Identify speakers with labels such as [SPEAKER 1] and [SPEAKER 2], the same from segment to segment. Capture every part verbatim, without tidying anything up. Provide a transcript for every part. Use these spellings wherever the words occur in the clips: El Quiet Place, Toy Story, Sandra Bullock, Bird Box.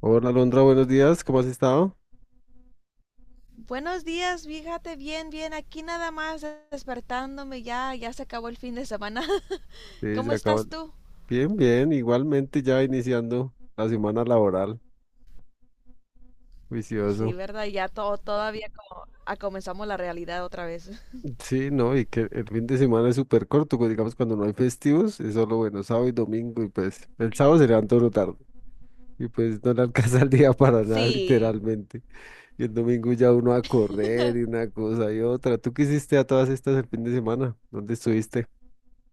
[SPEAKER 1] Hola Alondra, buenos días, ¿cómo has estado?
[SPEAKER 2] Buenos días, fíjate bien, bien, aquí nada más despertándome, ya, ya se acabó el fin de semana.
[SPEAKER 1] Sí,
[SPEAKER 2] ¿Cómo
[SPEAKER 1] se acabó.
[SPEAKER 2] estás tú?
[SPEAKER 1] Bien, bien, igualmente ya iniciando la semana laboral,
[SPEAKER 2] Sí,
[SPEAKER 1] vicioso.
[SPEAKER 2] ¿verdad? Ya todo, todavía como ah, comenzamos la realidad otra vez.
[SPEAKER 1] Sí, no, y que el fin de semana es súper corto, pues, digamos cuando no hay festivos, es solo bueno, sábado y domingo, y pues el sábado se levanta uno tarde, y pues no le alcanza el día para nada,
[SPEAKER 2] Sí.
[SPEAKER 1] literalmente. Y el domingo ya uno a correr y una cosa y otra. ¿Tú qué hiciste a todas estas el fin de semana? ¿Dónde estuviste?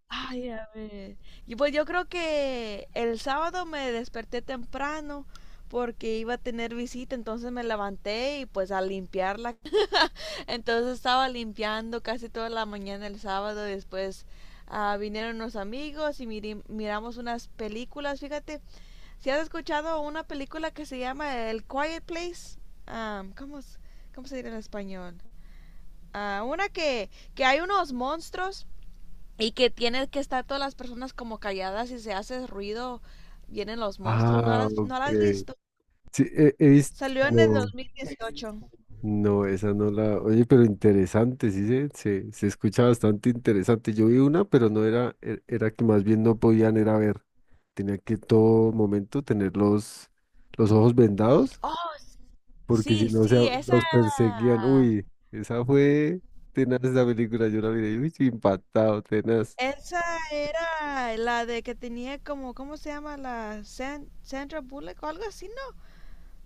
[SPEAKER 2] Ay, a ver. Y pues yo creo que el sábado me desperté temprano porque iba a tener visita, entonces me levanté y pues a limpiar la. Entonces estaba limpiando casi toda la mañana el sábado. Después ah, vinieron unos amigos y miri- miramos unas películas. Fíjate, si has escuchado una película que se llama El Quiet Place. Ah, ¿cómo, es- cómo se dirá en español? Ah, una que, que hay unos monstruos y que tiene que estar todas las personas como calladas y se hace ruido, vienen los monstruos. ¿No
[SPEAKER 1] Ah,
[SPEAKER 2] las, no la has
[SPEAKER 1] ok.
[SPEAKER 2] visto?
[SPEAKER 1] Sí, he, he
[SPEAKER 2] Salió en el
[SPEAKER 1] visto.
[SPEAKER 2] dos mil dieciocho.
[SPEAKER 1] No, esa no la. Oye, pero interesante, sí se, se, se escucha bastante interesante. Yo vi una, pero no era, e- era que más bien no podían era ver. Tenía que todo momento tener los, los ojos vendados,
[SPEAKER 2] Oh,
[SPEAKER 1] porque si
[SPEAKER 2] sí,
[SPEAKER 1] no se
[SPEAKER 2] sí,
[SPEAKER 1] a-
[SPEAKER 2] esa.
[SPEAKER 1] los perseguían. Uy, esa fue tenaz esa película, yo la miré, uy, sí, impactado, tenaz.
[SPEAKER 2] Esa era la de que tenía como, ¿cómo se llama? La San- Sandra Bullock o algo así, ¿no?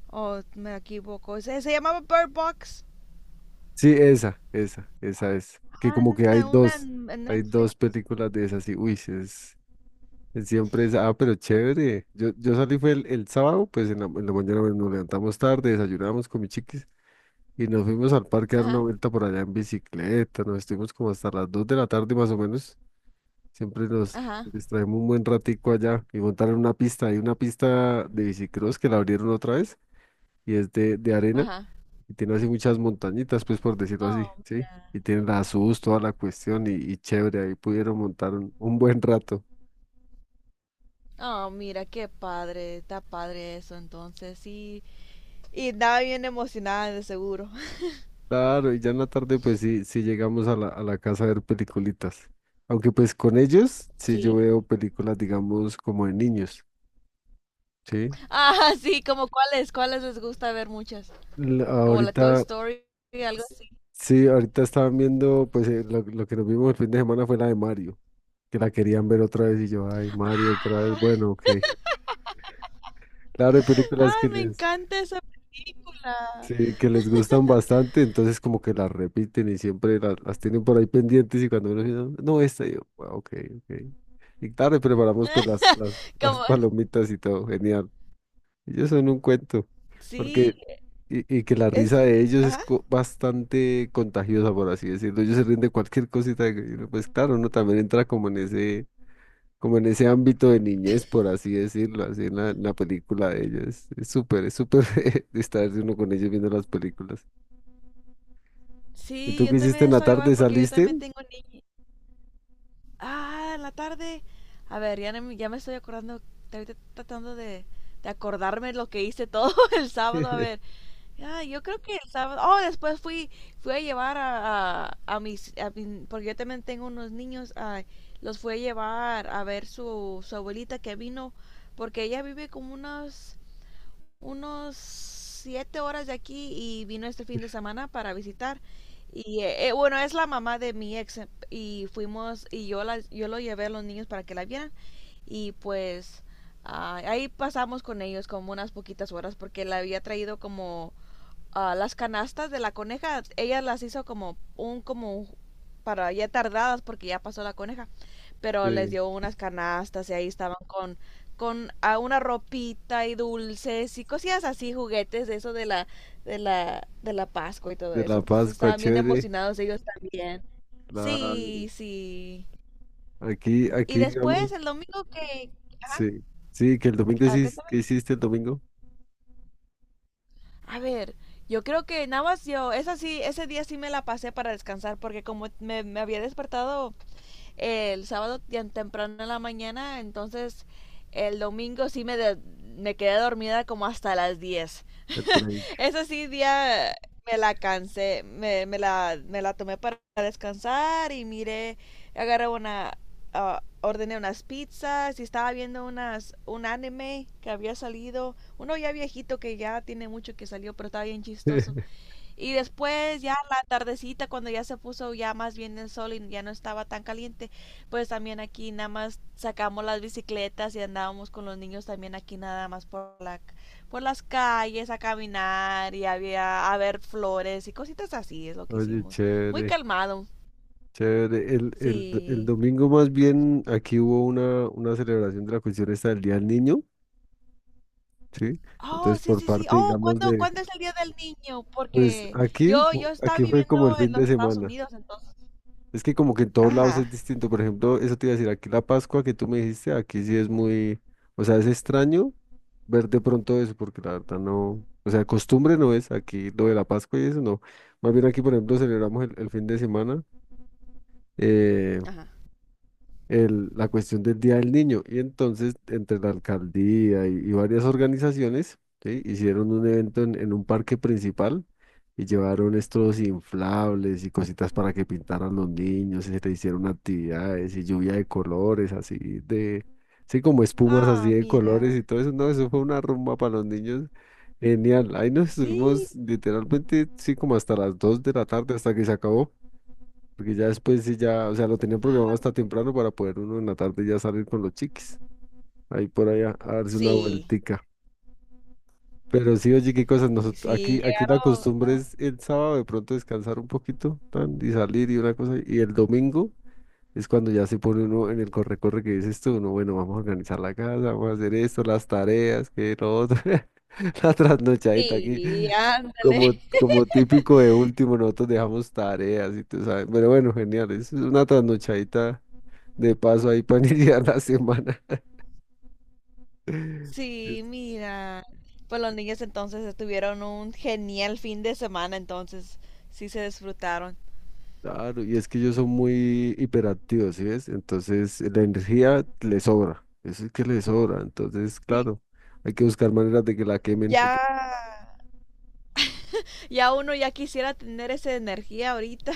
[SPEAKER 2] O me equivoco. Se, se llamaba Bird Box.
[SPEAKER 1] Sí, esa, esa, esa es. Que
[SPEAKER 2] Ah,
[SPEAKER 1] como que hay
[SPEAKER 2] no, una
[SPEAKER 1] dos,
[SPEAKER 2] en en
[SPEAKER 1] hay
[SPEAKER 2] Netflix.
[SPEAKER 1] dos películas de esas, y uy, sí es. Siempre es, ah, pero chévere. Yo, yo salí fue el, el sábado, pues en la, en la, mañana bueno, nos levantamos tarde, desayunamos con mis chiquis y nos fuimos al parque a dar una
[SPEAKER 2] Ajá,
[SPEAKER 1] vuelta por allá en bicicleta. Nos estuvimos como hasta las dos de la tarde más o menos. Siempre nos
[SPEAKER 2] ajá,
[SPEAKER 1] distraemos un buen ratico allá y montaron una pista. Hay una pista de bicicross que la abrieron otra vez y es de, de arena
[SPEAKER 2] ajá.
[SPEAKER 1] y tiene así muchas montañitas, pues por decirlo así,
[SPEAKER 2] Oh,
[SPEAKER 1] ¿sí?
[SPEAKER 2] mira.
[SPEAKER 1] Y tiene la S U S, toda la cuestión y, y chévere. Ahí pudieron montar un un buen rato.
[SPEAKER 2] Oh, mira, qué padre. Está padre eso, entonces. Sí. Y estaba bien emocionada, de seguro.
[SPEAKER 1] Claro, y ya en la tarde pues sí, sí llegamos a la, a la, casa a ver peliculitas. Aunque pues con ellos sí
[SPEAKER 2] Sí.
[SPEAKER 1] yo veo películas, digamos, como de niños, ¿sí?
[SPEAKER 2] Ah, sí, como cuáles, cuáles les gusta ver muchas.
[SPEAKER 1] L-
[SPEAKER 2] Como la Toy
[SPEAKER 1] ahorita,
[SPEAKER 2] Story, algo
[SPEAKER 1] sí, ahorita estaban viendo, pues eh, lo, lo que nos vimos el fin de semana fue la de Mario, que la querían ver otra vez y yo, ay, Mario otra vez,
[SPEAKER 2] así.
[SPEAKER 1] bueno, ok. Claro, hay películas
[SPEAKER 2] Ay,
[SPEAKER 1] que
[SPEAKER 2] me
[SPEAKER 1] les...
[SPEAKER 2] encanta esa película.
[SPEAKER 1] Sí, que les gustan bastante, entonces como que las repiten y siempre la- las, tienen por ahí pendientes y cuando uno dice, no, no, esta, y yo, "Ah, ok, ok. Y claro, y preparamos pues las, las, las
[SPEAKER 2] Como,
[SPEAKER 1] palomitas y todo, genial. Ellos son un cuento,
[SPEAKER 2] sí,
[SPEAKER 1] porque, y, y que la risa
[SPEAKER 2] es,
[SPEAKER 1] de ellos es
[SPEAKER 2] ajá.
[SPEAKER 1] co- bastante contagiosa, por así decirlo. Ellos se ríen de cualquier cosita, que uno, pues claro, uno también entra como en ese, como en ese, ámbito de niñez, por así decirlo, así en la, en la película de ellos. Es súper, es súper distraerse uno con ellos viendo las películas. ¿Y
[SPEAKER 2] Sí,
[SPEAKER 1] tú qué
[SPEAKER 2] yo
[SPEAKER 1] hiciste
[SPEAKER 2] también
[SPEAKER 1] en la
[SPEAKER 2] estoy igual
[SPEAKER 1] tarde?
[SPEAKER 2] porque yo
[SPEAKER 1] ¿Saliste?
[SPEAKER 2] también tengo niños. Ah, en la tarde. A ver, ya, no me- ya me estoy acordando, ahorita tratando de, de acordarme lo que hice todo el sábado. A ver, ah, yo creo que el sábado. Oh, después fui, fui a llevar a, a, a mis, a mi- porque yo también tengo unos niños. Ah, los fui a llevar a ver su, su abuelita que vino, porque ella vive como unos unos siete horas de aquí y vino este fin de semana para visitar. Y eh, eh, bueno, es la mamá de mi ex eh, y fuimos y yo la, yo lo llevé a los niños para que la vieran y pues ah, ahí pasamos con ellos como unas poquitas horas porque la había traído como ah, las canastas de la coneja, ella las hizo como un como para ya tardadas porque ya pasó la coneja, pero les
[SPEAKER 1] De,
[SPEAKER 2] dio unas canastas y ahí estaban con con ah, una ropita y dulces y cosillas así, juguetes de eso de la de la de la Pascua y todo
[SPEAKER 1] de
[SPEAKER 2] eso.
[SPEAKER 1] la
[SPEAKER 2] Entonces
[SPEAKER 1] Pascua,
[SPEAKER 2] estaban bien
[SPEAKER 1] chévere.
[SPEAKER 2] emocionados ellos también.
[SPEAKER 1] Claro.
[SPEAKER 2] Sí, sí.
[SPEAKER 1] Aquí,
[SPEAKER 2] Y
[SPEAKER 1] aquí, digamos,
[SPEAKER 2] después el domingo que ajá,
[SPEAKER 1] sí. Sí, que el domingo,
[SPEAKER 2] a ver,
[SPEAKER 1] sí, ¿qué
[SPEAKER 2] cuéntame.
[SPEAKER 1] hiciste el domingo?
[SPEAKER 2] A ver, yo creo que nada más yo, esa sí, ese día sí me la pasé para descansar porque como me, me había despertado el sábado tan temprano en la mañana, entonces el domingo sí me, de- me quedé dormida como hasta las diez.
[SPEAKER 1] El break.
[SPEAKER 2] Ese sí día me la cansé, me, me la, me la tomé para descansar y miré, agarré una, ah, ordené unas pizzas y estaba viendo unas, un anime que había salido, uno ya viejito que ya tiene mucho que salió, pero estaba bien chistoso. Y después ya la tardecita cuando ya se puso ya más bien el sol y ya no estaba tan caliente, pues también aquí nada más sacamos las bicicletas y andábamos con los niños también aquí nada más por la por las calles a caminar y había a ver flores y cositas así es lo que
[SPEAKER 1] Oye,
[SPEAKER 2] hicimos. Muy
[SPEAKER 1] chévere,
[SPEAKER 2] calmado.
[SPEAKER 1] chévere. El, el, el
[SPEAKER 2] Sí.
[SPEAKER 1] domingo más bien aquí hubo una, una celebración de la cuestión esta del Día del Niño, ¿sí?
[SPEAKER 2] Oh,
[SPEAKER 1] Entonces
[SPEAKER 2] sí,
[SPEAKER 1] por
[SPEAKER 2] sí, sí.
[SPEAKER 1] parte,
[SPEAKER 2] Oh,
[SPEAKER 1] digamos,
[SPEAKER 2] ¿cuándo,
[SPEAKER 1] de,
[SPEAKER 2] cuándo es el Día del Niño?
[SPEAKER 1] pues
[SPEAKER 2] Porque
[SPEAKER 1] aquí,
[SPEAKER 2] yo yo
[SPEAKER 1] fu-
[SPEAKER 2] estaba
[SPEAKER 1] aquí fue
[SPEAKER 2] viviendo
[SPEAKER 1] como el
[SPEAKER 2] en
[SPEAKER 1] fin
[SPEAKER 2] los
[SPEAKER 1] de
[SPEAKER 2] Estados
[SPEAKER 1] semana.
[SPEAKER 2] Unidos, entonces.
[SPEAKER 1] Es que como que en todos lados
[SPEAKER 2] Ajá,
[SPEAKER 1] es distinto. Por ejemplo, eso te iba a decir, aquí la Pascua que tú me dijiste, aquí sí es muy, o sea, es extraño ver de pronto eso, porque la verdad no, o sea, costumbre no es aquí lo de la Pascua y eso no. Más bien aquí, por ejemplo, celebramos el, el fin de semana. eh,
[SPEAKER 2] ajá.
[SPEAKER 1] el- la cuestión del Día del Niño. Y entonces, entre la alcaldía y, y varias organizaciones, ¿sí? Hicieron un evento en, en, un parque principal y llevaron estos inflables y cositas para que pintaran los niños y se le hicieron actividades y lluvia de colores, así de, sí, como espumas
[SPEAKER 2] Ah,
[SPEAKER 1] así de colores
[SPEAKER 2] mira.
[SPEAKER 1] y todo eso. No, eso fue una rumba para los niños. Genial, ahí nos
[SPEAKER 2] Sí,
[SPEAKER 1] estuvimos literalmente, sí, como hasta las dos de la tarde, hasta que se acabó. Porque ya después sí ya, o sea, lo tenían
[SPEAKER 2] ah,
[SPEAKER 1] programado hasta
[SPEAKER 2] mira.
[SPEAKER 1] temprano para poder uno en la tarde ya salir con los chiquis. Ahí por allá a a darse una
[SPEAKER 2] Sí,
[SPEAKER 1] vueltica. Pero sí, oye, qué cosas. Nosotros, aquí,
[SPEAKER 2] sí,
[SPEAKER 1] aquí la
[SPEAKER 2] llegaron.
[SPEAKER 1] costumbre
[SPEAKER 2] Ajá.
[SPEAKER 1] es el sábado de pronto descansar un poquito tan, y salir y una cosa. Y el domingo. Es cuando ya se pone uno en el corre-corre que dices tú, no, bueno, vamos a organizar la casa, vamos a hacer esto, las tareas, que lo otro, la trasnochadita aquí.
[SPEAKER 2] Sí, ándale.
[SPEAKER 1] Como, como típico de último, nosotros dejamos tareas y tú sabes. Pero bueno, genial, es una trasnochadita de paso ahí para iniciar la semana.
[SPEAKER 2] Sí,
[SPEAKER 1] Es-
[SPEAKER 2] mira. Pues los niños entonces tuvieron un genial fin de semana, entonces sí se disfrutaron.
[SPEAKER 1] Claro, y es que ellos son muy hiperactivos, ¿sí ves? Entonces la energía les sobra, eso es que les sobra. Entonces,
[SPEAKER 2] Y
[SPEAKER 1] claro, hay que buscar maneras de que la quemen.
[SPEAKER 2] ya, ya uno ya quisiera tener esa energía ahorita.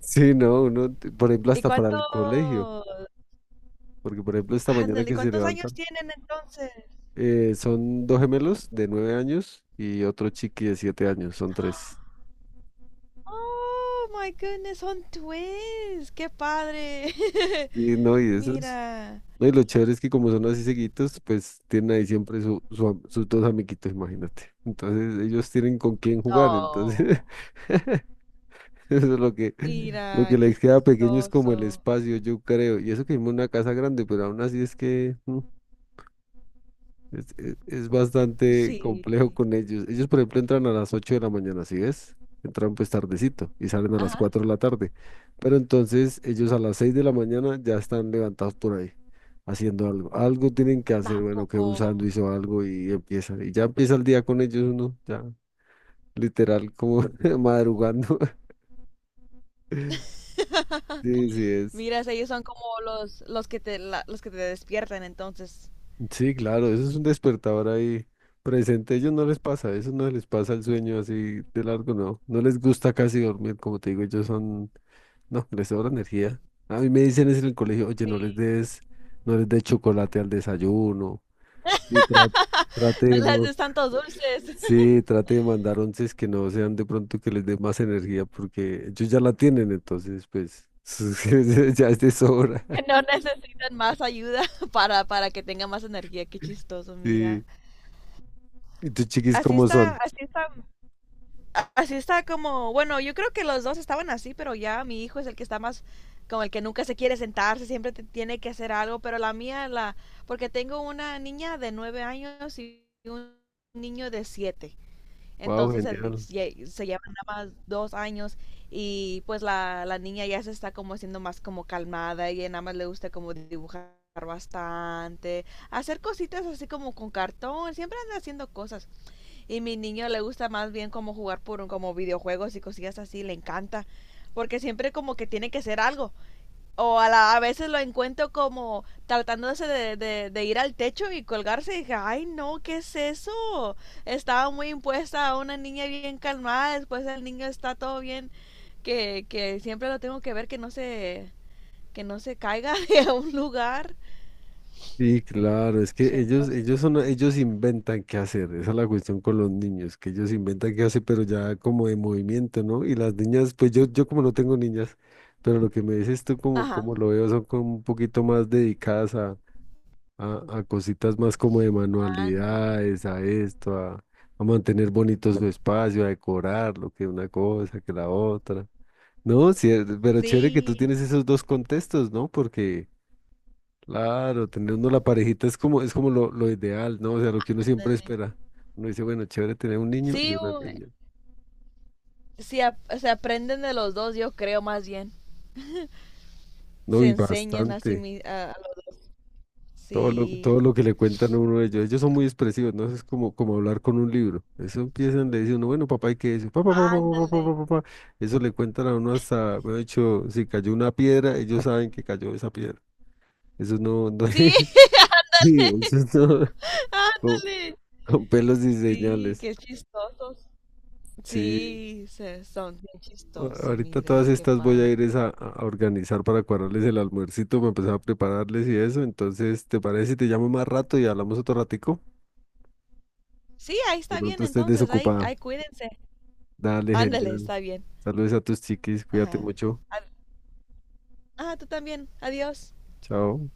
[SPEAKER 1] Sí, no, uno, t- por ejemplo,
[SPEAKER 2] ¿Y
[SPEAKER 1] hasta para
[SPEAKER 2] cuánto?
[SPEAKER 1] el colegio, porque por ejemplo, esta mañana
[SPEAKER 2] Ándale,
[SPEAKER 1] que se
[SPEAKER 2] ¿cuántos años
[SPEAKER 1] levantan,
[SPEAKER 2] tienen entonces?
[SPEAKER 1] eh, son dos gemelos de nueve años y otro chiqui de siete años, son tres.
[SPEAKER 2] Oh my goodness, son twins. Qué padre.
[SPEAKER 1] Sí, no, y esos,
[SPEAKER 2] Mira.
[SPEAKER 1] no, y lo chévere es que como son así seguitos, pues tienen ahí siempre su, su am- sus dos amiguitos, imagínate. Entonces, ellos tienen con quién jugar, entonces,
[SPEAKER 2] No.
[SPEAKER 1] eso es lo que, lo que
[SPEAKER 2] Mira, qué
[SPEAKER 1] les queda pequeño es como el
[SPEAKER 2] chistoso.
[SPEAKER 1] espacio, yo creo. Y eso que vimos una casa grande, pero aún así es que. mm, Es, es- es bastante
[SPEAKER 2] Sí.
[SPEAKER 1] complejo con ellos. Ellos, por ejemplo, entran a las ocho de la mañana, ¿sí ves? Entran pues tardecito y salen a las
[SPEAKER 2] Ajá.
[SPEAKER 1] cuatro de la tarde. Pero entonces ellos a las seis de la mañana ya están levantados por ahí, haciendo algo. Algo tienen que
[SPEAKER 2] ¿A
[SPEAKER 1] hacer, bueno, que
[SPEAKER 2] poco?
[SPEAKER 1] un sándwich o algo y empieza. Y ya empieza el día con ellos uno, ya literal como madrugando. Sí, sí es.
[SPEAKER 2] Mira, si ellos son como los, los que te, la- los que te despiertan, entonces.
[SPEAKER 1] Sí, claro, eso es un despertador ahí presente. A ellos no les pasa, eso no les pasa el sueño así de largo, no. No les gusta casi dormir, como te digo, ellos son, no, les sobra energía. A mí me dicen es en el colegio, oye, no les
[SPEAKER 2] Sí.
[SPEAKER 1] des, no les des chocolate al desayuno. Y tra- trate
[SPEAKER 2] No
[SPEAKER 1] de
[SPEAKER 2] les
[SPEAKER 1] no,
[SPEAKER 2] des tantos dulces.
[SPEAKER 1] sí, trate de mandar onces que no sean de pronto que les dé más energía, porque ellos ya la tienen, entonces, pues, ya es de sobra.
[SPEAKER 2] Que no necesitan más ayuda para, para que tengan más energía. Qué chistoso, mira.
[SPEAKER 1] Sí. ¿Y tus chiquis
[SPEAKER 2] Así
[SPEAKER 1] cómo
[SPEAKER 2] está,
[SPEAKER 1] son?
[SPEAKER 2] así está así está como, bueno, yo creo que los dos estaban así, pero ya mi hijo es el que está más como el que nunca se quiere sentarse, siempre te- tiene que hacer algo, pero la mía, la, porque tengo una niña de nueve años y un niño de siete,
[SPEAKER 1] Wow,
[SPEAKER 2] entonces se,
[SPEAKER 1] genial.
[SPEAKER 2] lle- se llevan nada más dos años y pues la, la niña ya se está como haciendo más como calmada y nada más le gusta como dibujar bastante, hacer cositas así como con cartón, siempre anda haciendo cosas. Y mi niño le gusta más bien como jugar por un, como videojuegos y cosillas así, le encanta. Porque siempre como que tiene que ser algo. O a, la, a veces lo encuentro como tratándose de, de, de ir al techo y colgarse. Y dije, ay no, ¿qué es eso? Estaba muy impuesta a una niña bien calmada. Después el niño está todo bien. Que, que siempre lo tengo que ver que no se, que no se caiga de un lugar.
[SPEAKER 1] Sí, claro, es que
[SPEAKER 2] Siempre.
[SPEAKER 1] ellos, ellos son, ellos inventan qué hacer, esa es la cuestión con los niños, que ellos inventan qué hacer, pero ya como de movimiento, ¿no? Y las niñas, pues yo, yo, como no tengo niñas, pero lo que me dices tú como,
[SPEAKER 2] Ajá.
[SPEAKER 1] como lo veo son como un poquito más dedicadas a, a, a cositas más como de
[SPEAKER 2] Ándale.
[SPEAKER 1] manualidades, a esto, a, a mantener bonito su espacio, a decorar lo que una cosa, que la otra. No, sí, pero chévere que tú
[SPEAKER 2] Sí,
[SPEAKER 1] tienes esos dos contextos, ¿no? Porque claro, tener uno la parejita es como, es como lo, lo ideal, ¿no? O sea, lo que uno siempre
[SPEAKER 2] ándale.
[SPEAKER 1] espera. Uno dice, bueno, chévere tener un niño y
[SPEAKER 2] Sí,
[SPEAKER 1] una
[SPEAKER 2] u-
[SPEAKER 1] niña.
[SPEAKER 2] sí, a- o sea, aprenden de los dos, yo creo más bien.
[SPEAKER 1] No,
[SPEAKER 2] Se
[SPEAKER 1] y
[SPEAKER 2] enseñan a sí
[SPEAKER 1] bastante.
[SPEAKER 2] mismos.
[SPEAKER 1] Todo lo, todo
[SPEAKER 2] Sí.
[SPEAKER 1] lo que le cuentan a uno de ellos. Ellos son muy expresivos, ¿no? Eso es como, como hablar con un libro. Eso empiezan, le dicen uno, bueno, papá, ¿y qué es eso? Papá, papá, papá, papá,
[SPEAKER 2] Ándale.
[SPEAKER 1] papá, papá. Eso le cuentan a uno hasta, de hecho, si cayó una piedra, ellos saben que cayó esa piedra. Eso no, no,
[SPEAKER 2] Sí,
[SPEAKER 1] eso no, con
[SPEAKER 2] ándale.
[SPEAKER 1] con pelos y
[SPEAKER 2] Sí,
[SPEAKER 1] señales.
[SPEAKER 2] qué chistosos.
[SPEAKER 1] Sí,
[SPEAKER 2] Sí, se, son bien
[SPEAKER 1] A-
[SPEAKER 2] chistosos.
[SPEAKER 1] ahorita
[SPEAKER 2] Mira,
[SPEAKER 1] todas
[SPEAKER 2] qué
[SPEAKER 1] estas voy a
[SPEAKER 2] padre.
[SPEAKER 1] ir es a, a, organizar para cuadrarles el almuercito, para empezar a prepararles y eso. Entonces, ¿te parece si te llamo más rato y hablamos otro ratico?
[SPEAKER 2] Sí, ahí
[SPEAKER 1] De
[SPEAKER 2] está bien,
[SPEAKER 1] pronto estés
[SPEAKER 2] entonces. Ahí,
[SPEAKER 1] desocupada.
[SPEAKER 2] ahí cuídense.
[SPEAKER 1] Dale,
[SPEAKER 2] Ándale,
[SPEAKER 1] genial.
[SPEAKER 2] está bien.
[SPEAKER 1] Saludos a tus chiquis, cuídate
[SPEAKER 2] Ajá.
[SPEAKER 1] mucho.
[SPEAKER 2] Ad- Ah, tú también. Adiós.
[SPEAKER 1] Chao.